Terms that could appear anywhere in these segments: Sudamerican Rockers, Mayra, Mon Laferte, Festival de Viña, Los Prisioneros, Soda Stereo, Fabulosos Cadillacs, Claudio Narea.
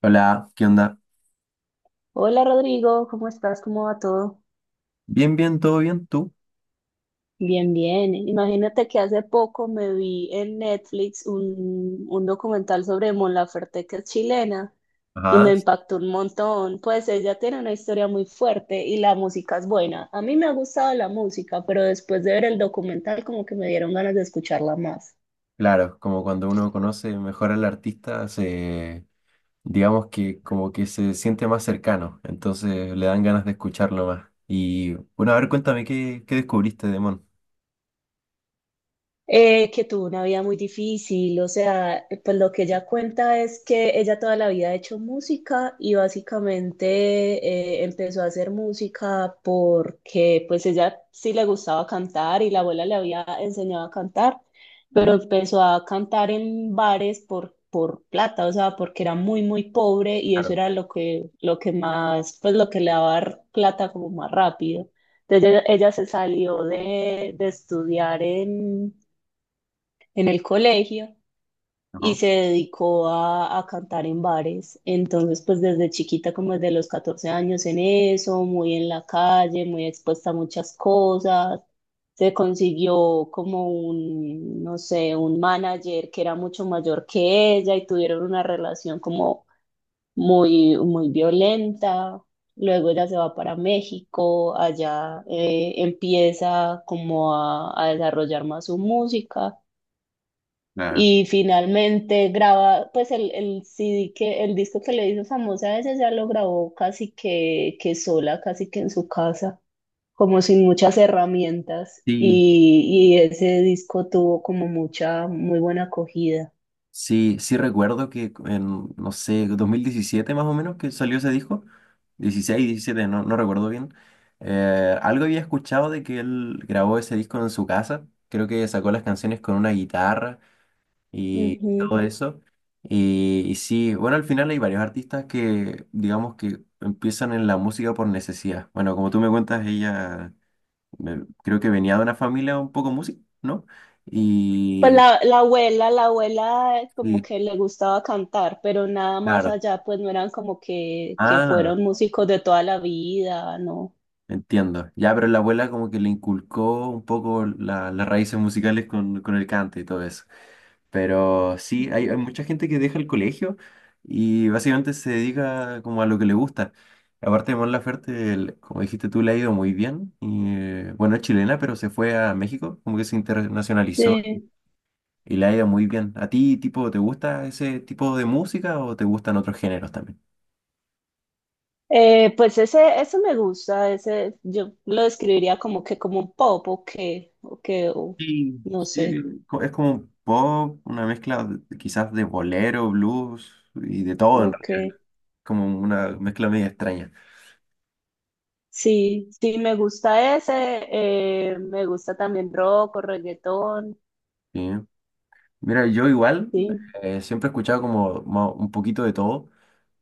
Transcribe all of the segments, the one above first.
Hola, ¿qué onda? Hola Rodrigo, ¿cómo estás? ¿Cómo va todo? Bien, bien, todo bien, ¿tú? Bien, bien. Imagínate que hace poco me vi en Netflix un documental sobre Mon Laferte, que es chilena, y Ajá. me impactó un montón. Pues ella tiene una historia muy fuerte y la música es buena. A mí me ha gustado la música, pero después de ver el documental como que me dieron ganas de escucharla más. Claro, como cuando uno conoce mejor al artista, digamos que como que se siente más cercano, entonces le dan ganas de escucharlo más. Y bueno, a ver, cuéntame, ¿ qué descubriste de Mon? Que tuvo una vida muy difícil, o sea, pues lo que ella cuenta es que ella toda la vida ha hecho música y básicamente empezó a hacer música porque pues ella sí le gustaba cantar y la abuela le había enseñado a cantar, pero empezó a cantar en bares por plata, o sea, porque era muy, muy pobre y eso Claro, era lo que, más, pues lo que le daba plata como más rápido. Entonces ella se salió de estudiar en el colegio y ajá, se dedicó a cantar en bares. Entonces, pues desde chiquita, como desde los 14 años en eso, muy en la calle, muy expuesta a muchas cosas. Se consiguió como un, no sé, un manager que era mucho mayor que ella y tuvieron una relación como muy, muy violenta. Luego ella se va para México, allá empieza como a desarrollar más su música claro. y finalmente graba, pues el CD que, el disco que le hizo famosa. A ese ya lo grabó casi que, sola, casi que en su casa, como sin muchas herramientas. Sí. Y ese disco tuvo como mucha, muy buena acogida. Sí, sí recuerdo que no sé, 2017 más o menos que salió ese disco, 2016 2017 no recuerdo bien. Algo había escuchado de que él grabó ese disco en su casa, creo que sacó las canciones con una guitarra y todo Ujú. eso. Y sí, bueno, al final hay varios artistas que, digamos que empiezan en la música por necesidad. Bueno, como tú me cuentas, ella creo que venía de una familia un poco música, ¿no? Pues Y, la abuela como y que le gustaba cantar, pero nada más claro. allá, pues no eran como que, Ah. fueron músicos de toda la vida, ¿no? Entiendo. Ya, pero la abuela como que le inculcó un poco las raíces musicales con el cante y todo eso. Pero sí, hay, Ujú. hay mucha gente que deja el colegio y básicamente se dedica como a lo que le gusta. Aparte de Mon Laferte, como dijiste tú, le ha ido muy bien. Y, bueno, es chilena, pero se fue a México, como que se internacionalizó Sí. y le ha ido muy bien. ¿A ti, tipo, te gusta ese tipo de música o te gustan otros géneros también? Pues ese, eso me gusta, yo lo describiría como que como un pop o Sí, no sí, sé, es como un pop, una mezcla de quizás de bolero, blues y de todo en ok. realidad. Como una mezcla media extraña. Sí, sí me gusta ese, me gusta también rock o reggaetón, Sí. Mira, yo igual sí. Siempre he escuchado como un poquito de todo,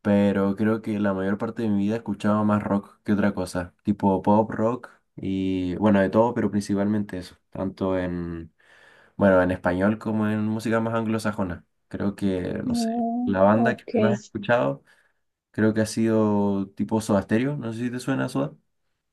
pero creo que la mayor parte de mi vida he escuchado más rock que otra cosa, tipo pop, rock y bueno, de todo, pero principalmente eso, tanto bueno, en español como en música más anglosajona. Creo que, no sé, Mm, la banda que ok, más he escuchado. Creo que ha sido tipo Soda Stereo. No sé si te suena Soda.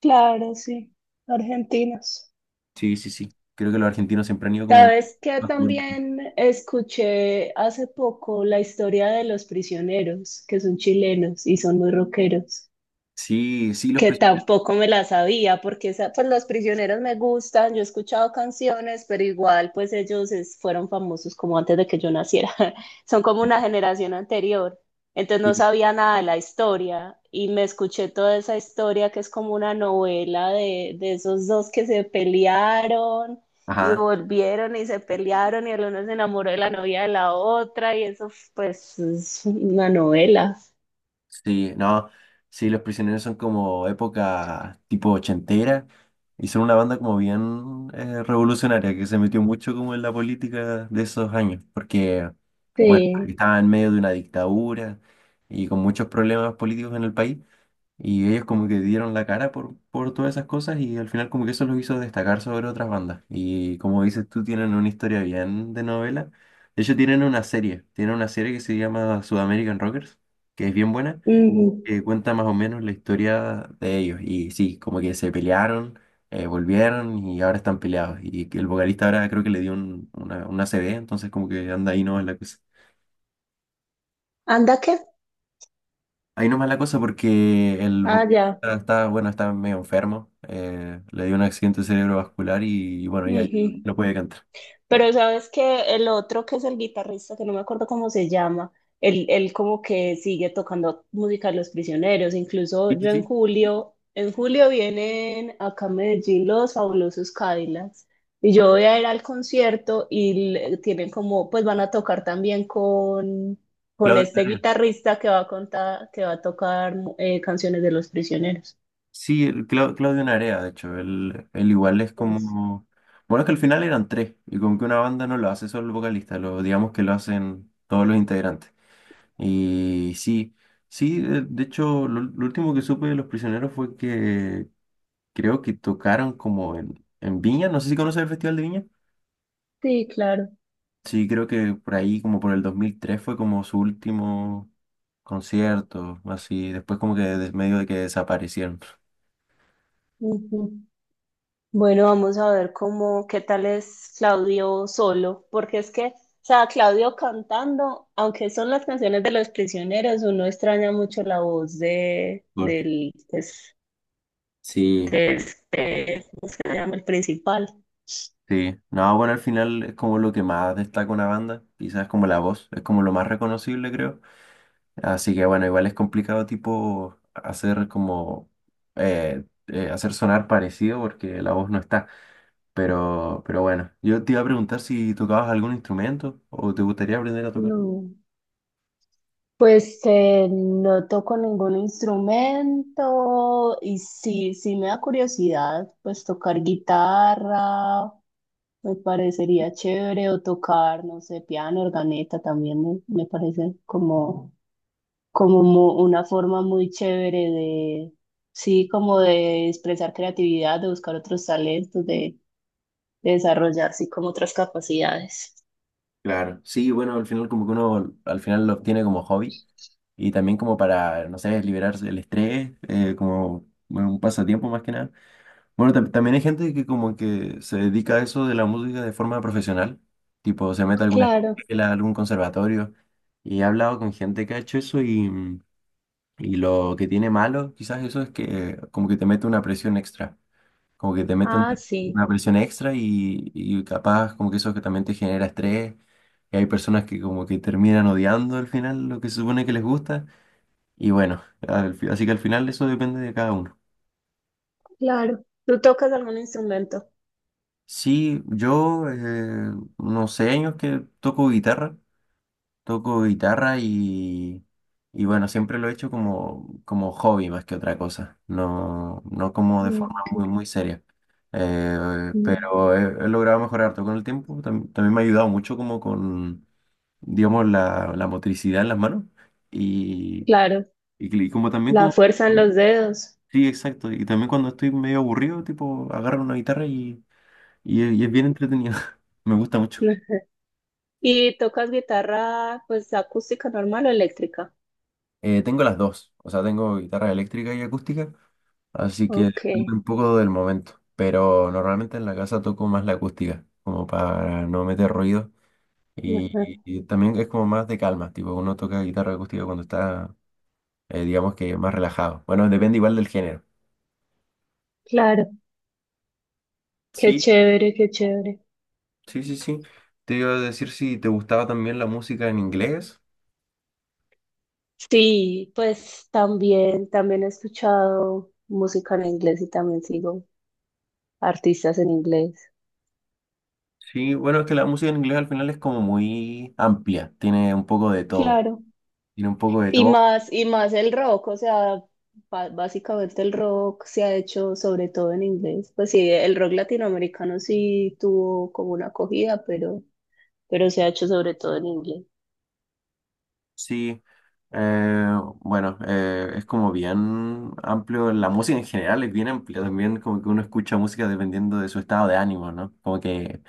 claro, sí, argentinos. Sí, sí, sí. Creo que los argentinos siempre han ido como... ¿Sabes qué? más por- También escuché hace poco la historia de los prisioneros, que son chilenos y son muy rockeros. Sí, sí, los Que prisioneros. tampoco me la sabía, porque esa, pues los prisioneros me gustan, yo he escuchado canciones, pero igual pues ellos fueron famosos como antes de que yo naciera, son como una generación anterior, entonces no Sí. sabía nada de la historia y me escuché toda esa historia que es como una novela de esos dos que se pelearon y Ajá, volvieron y se pelearon y el uno se enamoró de la novia de la otra y eso pues es una novela. sí, no. Sí, los prisioneros son como época tipo ochentera y son una banda como bien revolucionaria que se metió mucho como en la política de esos años porque, bueno, Sí. estaba en medio de una dictadura y con muchos problemas políticos en el país. Y ellos como que dieron la cara por todas esas cosas y al final como que eso los hizo destacar sobre otras bandas. Y como dices tú, tienen una historia bien de novela. De hecho, tienen una serie que se llama Sudamerican Rockers, que es bien buena, Ujú. que cuenta más o menos la historia de ellos. Y sí, como que se pelearon, volvieron y ahora están peleados. Y que el vocalista ahora creo que le dio una ACV entonces como que anda ahí no es la cosa. ¿Anda qué? Ahí nomás la cosa porque el Ah, ya. vocalista está, bueno, está medio enfermo. Le dio un accidente cerebrovascular y, bueno, ya, ya Ujú. no puede cantar. Pero sabes que el otro, que es el guitarrista, que no me acuerdo cómo se llama, él como que sigue tocando música de los prisioneros. Incluso Sí, sí, yo en sí. julio, en julio vienen acá a Medellín los fabulosos Cadillacs. Y yo voy a ir al concierto y tienen como, pues van a tocar también con Claudio este Narea. guitarrista que va a tocar canciones de los prisioneros. Sí, el Claudio Narea, de hecho. Él igual es Es- como. Bueno, es que al final eran tres. Y como que una banda no lo hace solo el vocalista, lo, digamos que lo hacen todos los integrantes. Y sí, sí, de hecho, lo último que supe de Los Prisioneros fue que creo que tocaron como en Viña. No sé si conoces el Festival de Viña. Sí, claro. Sí, creo que por ahí, como por el 2003 fue como su último concierto, así. Después como que medio de que desaparecieron. Ujú. Bueno, vamos a ver cómo, qué tal es Claudio solo, porque es que, o sea, Claudio cantando, aunque son las canciones de los prisioneros, uno extraña mucho la voz de, Por- del, pues, Sí, de este, ¿cómo se llama? El principal. sí. No, bueno, al final es como lo que más destaca una banda, quizás como la voz, es como lo más reconocible, creo. Así que bueno, igual es complicado tipo hacer como, hacer sonar parecido porque la voz no está. Pero bueno, yo te iba a preguntar si tocabas algún instrumento o te gustaría aprender a tocar. No. Pues no toco ningún instrumento y sí, sí me da curiosidad, pues tocar guitarra me parecería chévere o tocar, no sé, piano, organeta también me parece como, una forma muy chévere de, sí, como de expresar creatividad, de buscar otros talentos, de desarrollar, sí, como otras capacidades. Claro, sí, bueno, al final como que uno al final lo obtiene como hobby y también como para, no sé, liberarse del estrés, como bueno, un pasatiempo más que nada. Bueno, también hay gente que como que se dedica a eso de la música de forma profesional, tipo se mete a alguna Claro, escuela, algún conservatorio y he hablado con gente que ha hecho eso y lo que tiene malo quizás eso es que como que te mete una presión extra. Como que te meten ah, sí, una presión extra y capaz como que eso que también te genera estrés. Y hay personas que como que terminan odiando al final lo que se supone que les gusta. Y bueno, así que al final eso depende de cada uno. claro. ¿Tú tocas algún instrumento? Sí, yo unos 6 años que toco guitarra. Toco guitarra y, y bueno, siempre lo he hecho como, como hobby más que otra cosa, no, no como de forma Ok. muy, muy seria. Mm. Pero he, he logrado mejorar todo con el tiempo, también me ha ayudado mucho como con, digamos, la motricidad en las manos y, Claro, y como también la como... fuerza en los dedos. Sí, exacto, y también cuando estoy medio aburrido, tipo, agarro una guitarra y es bien entretenido, me gusta mucho. Ujú. ¿Y tocas guitarra, pues, acústica normal o eléctrica? Tengo las dos, o sea, tengo guitarra eléctrica y acústica. Así que Ok, depende un poco del momento. Pero normalmente en la casa toco más la acústica, como para no meter ruido. ajá, Y también es como más de calma, tipo uno toca guitarra acústica cuando está, digamos que más relajado. Bueno, depende igual del género. claro, qué Sí, chévere, qué chévere. sí, sí, sí. Te iba a decir si te gustaba también la música en inglés. Sí, pues también he escuchado música en inglés y también sigo artistas en inglés. Sí, bueno, es que la música en inglés al final es como muy amplia, tiene un poco de todo. Claro. Tiene un poco de Y todo. más, y más el rock, o sea, básicamente el rock se ha hecho sobre todo en inglés. Pues sí, el rock latinoamericano sí tuvo como una acogida, pero se ha hecho sobre todo en inglés. Sí, bueno, es como bien amplio, la música en general es bien amplia, también como que uno escucha música dependiendo de su estado de ánimo, ¿no? Como que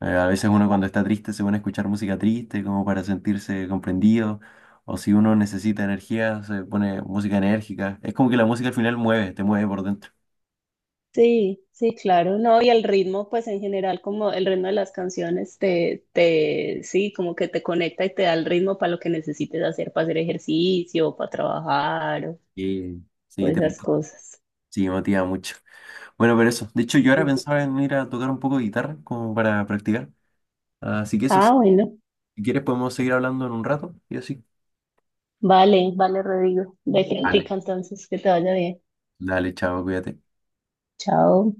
a veces uno cuando está triste se pone a escuchar música triste como para sentirse comprendido, o si uno necesita energía se pone música enérgica, es como que la música al final mueve, te mueve por dentro. Sí, sí, claro, no, y el ritmo, pues en general, como el ritmo de las canciones sí, como que te conecta y te da el ritmo para lo que necesites hacer, para hacer ejercicio, para trabajar o, Sí, o sí, te, esas cosas. sí, motiva mucho. Bueno, pero eso, de hecho yo ahora pensaba en ir a tocar un poco de guitarra como para practicar, así que eso. Sí. Ah, bueno, Si quieres podemos seguir hablando en un rato y así. vale, vale, Rodrigo, de practica Dale, entonces, que te vaya bien. dale, chao, cuídate. Chao.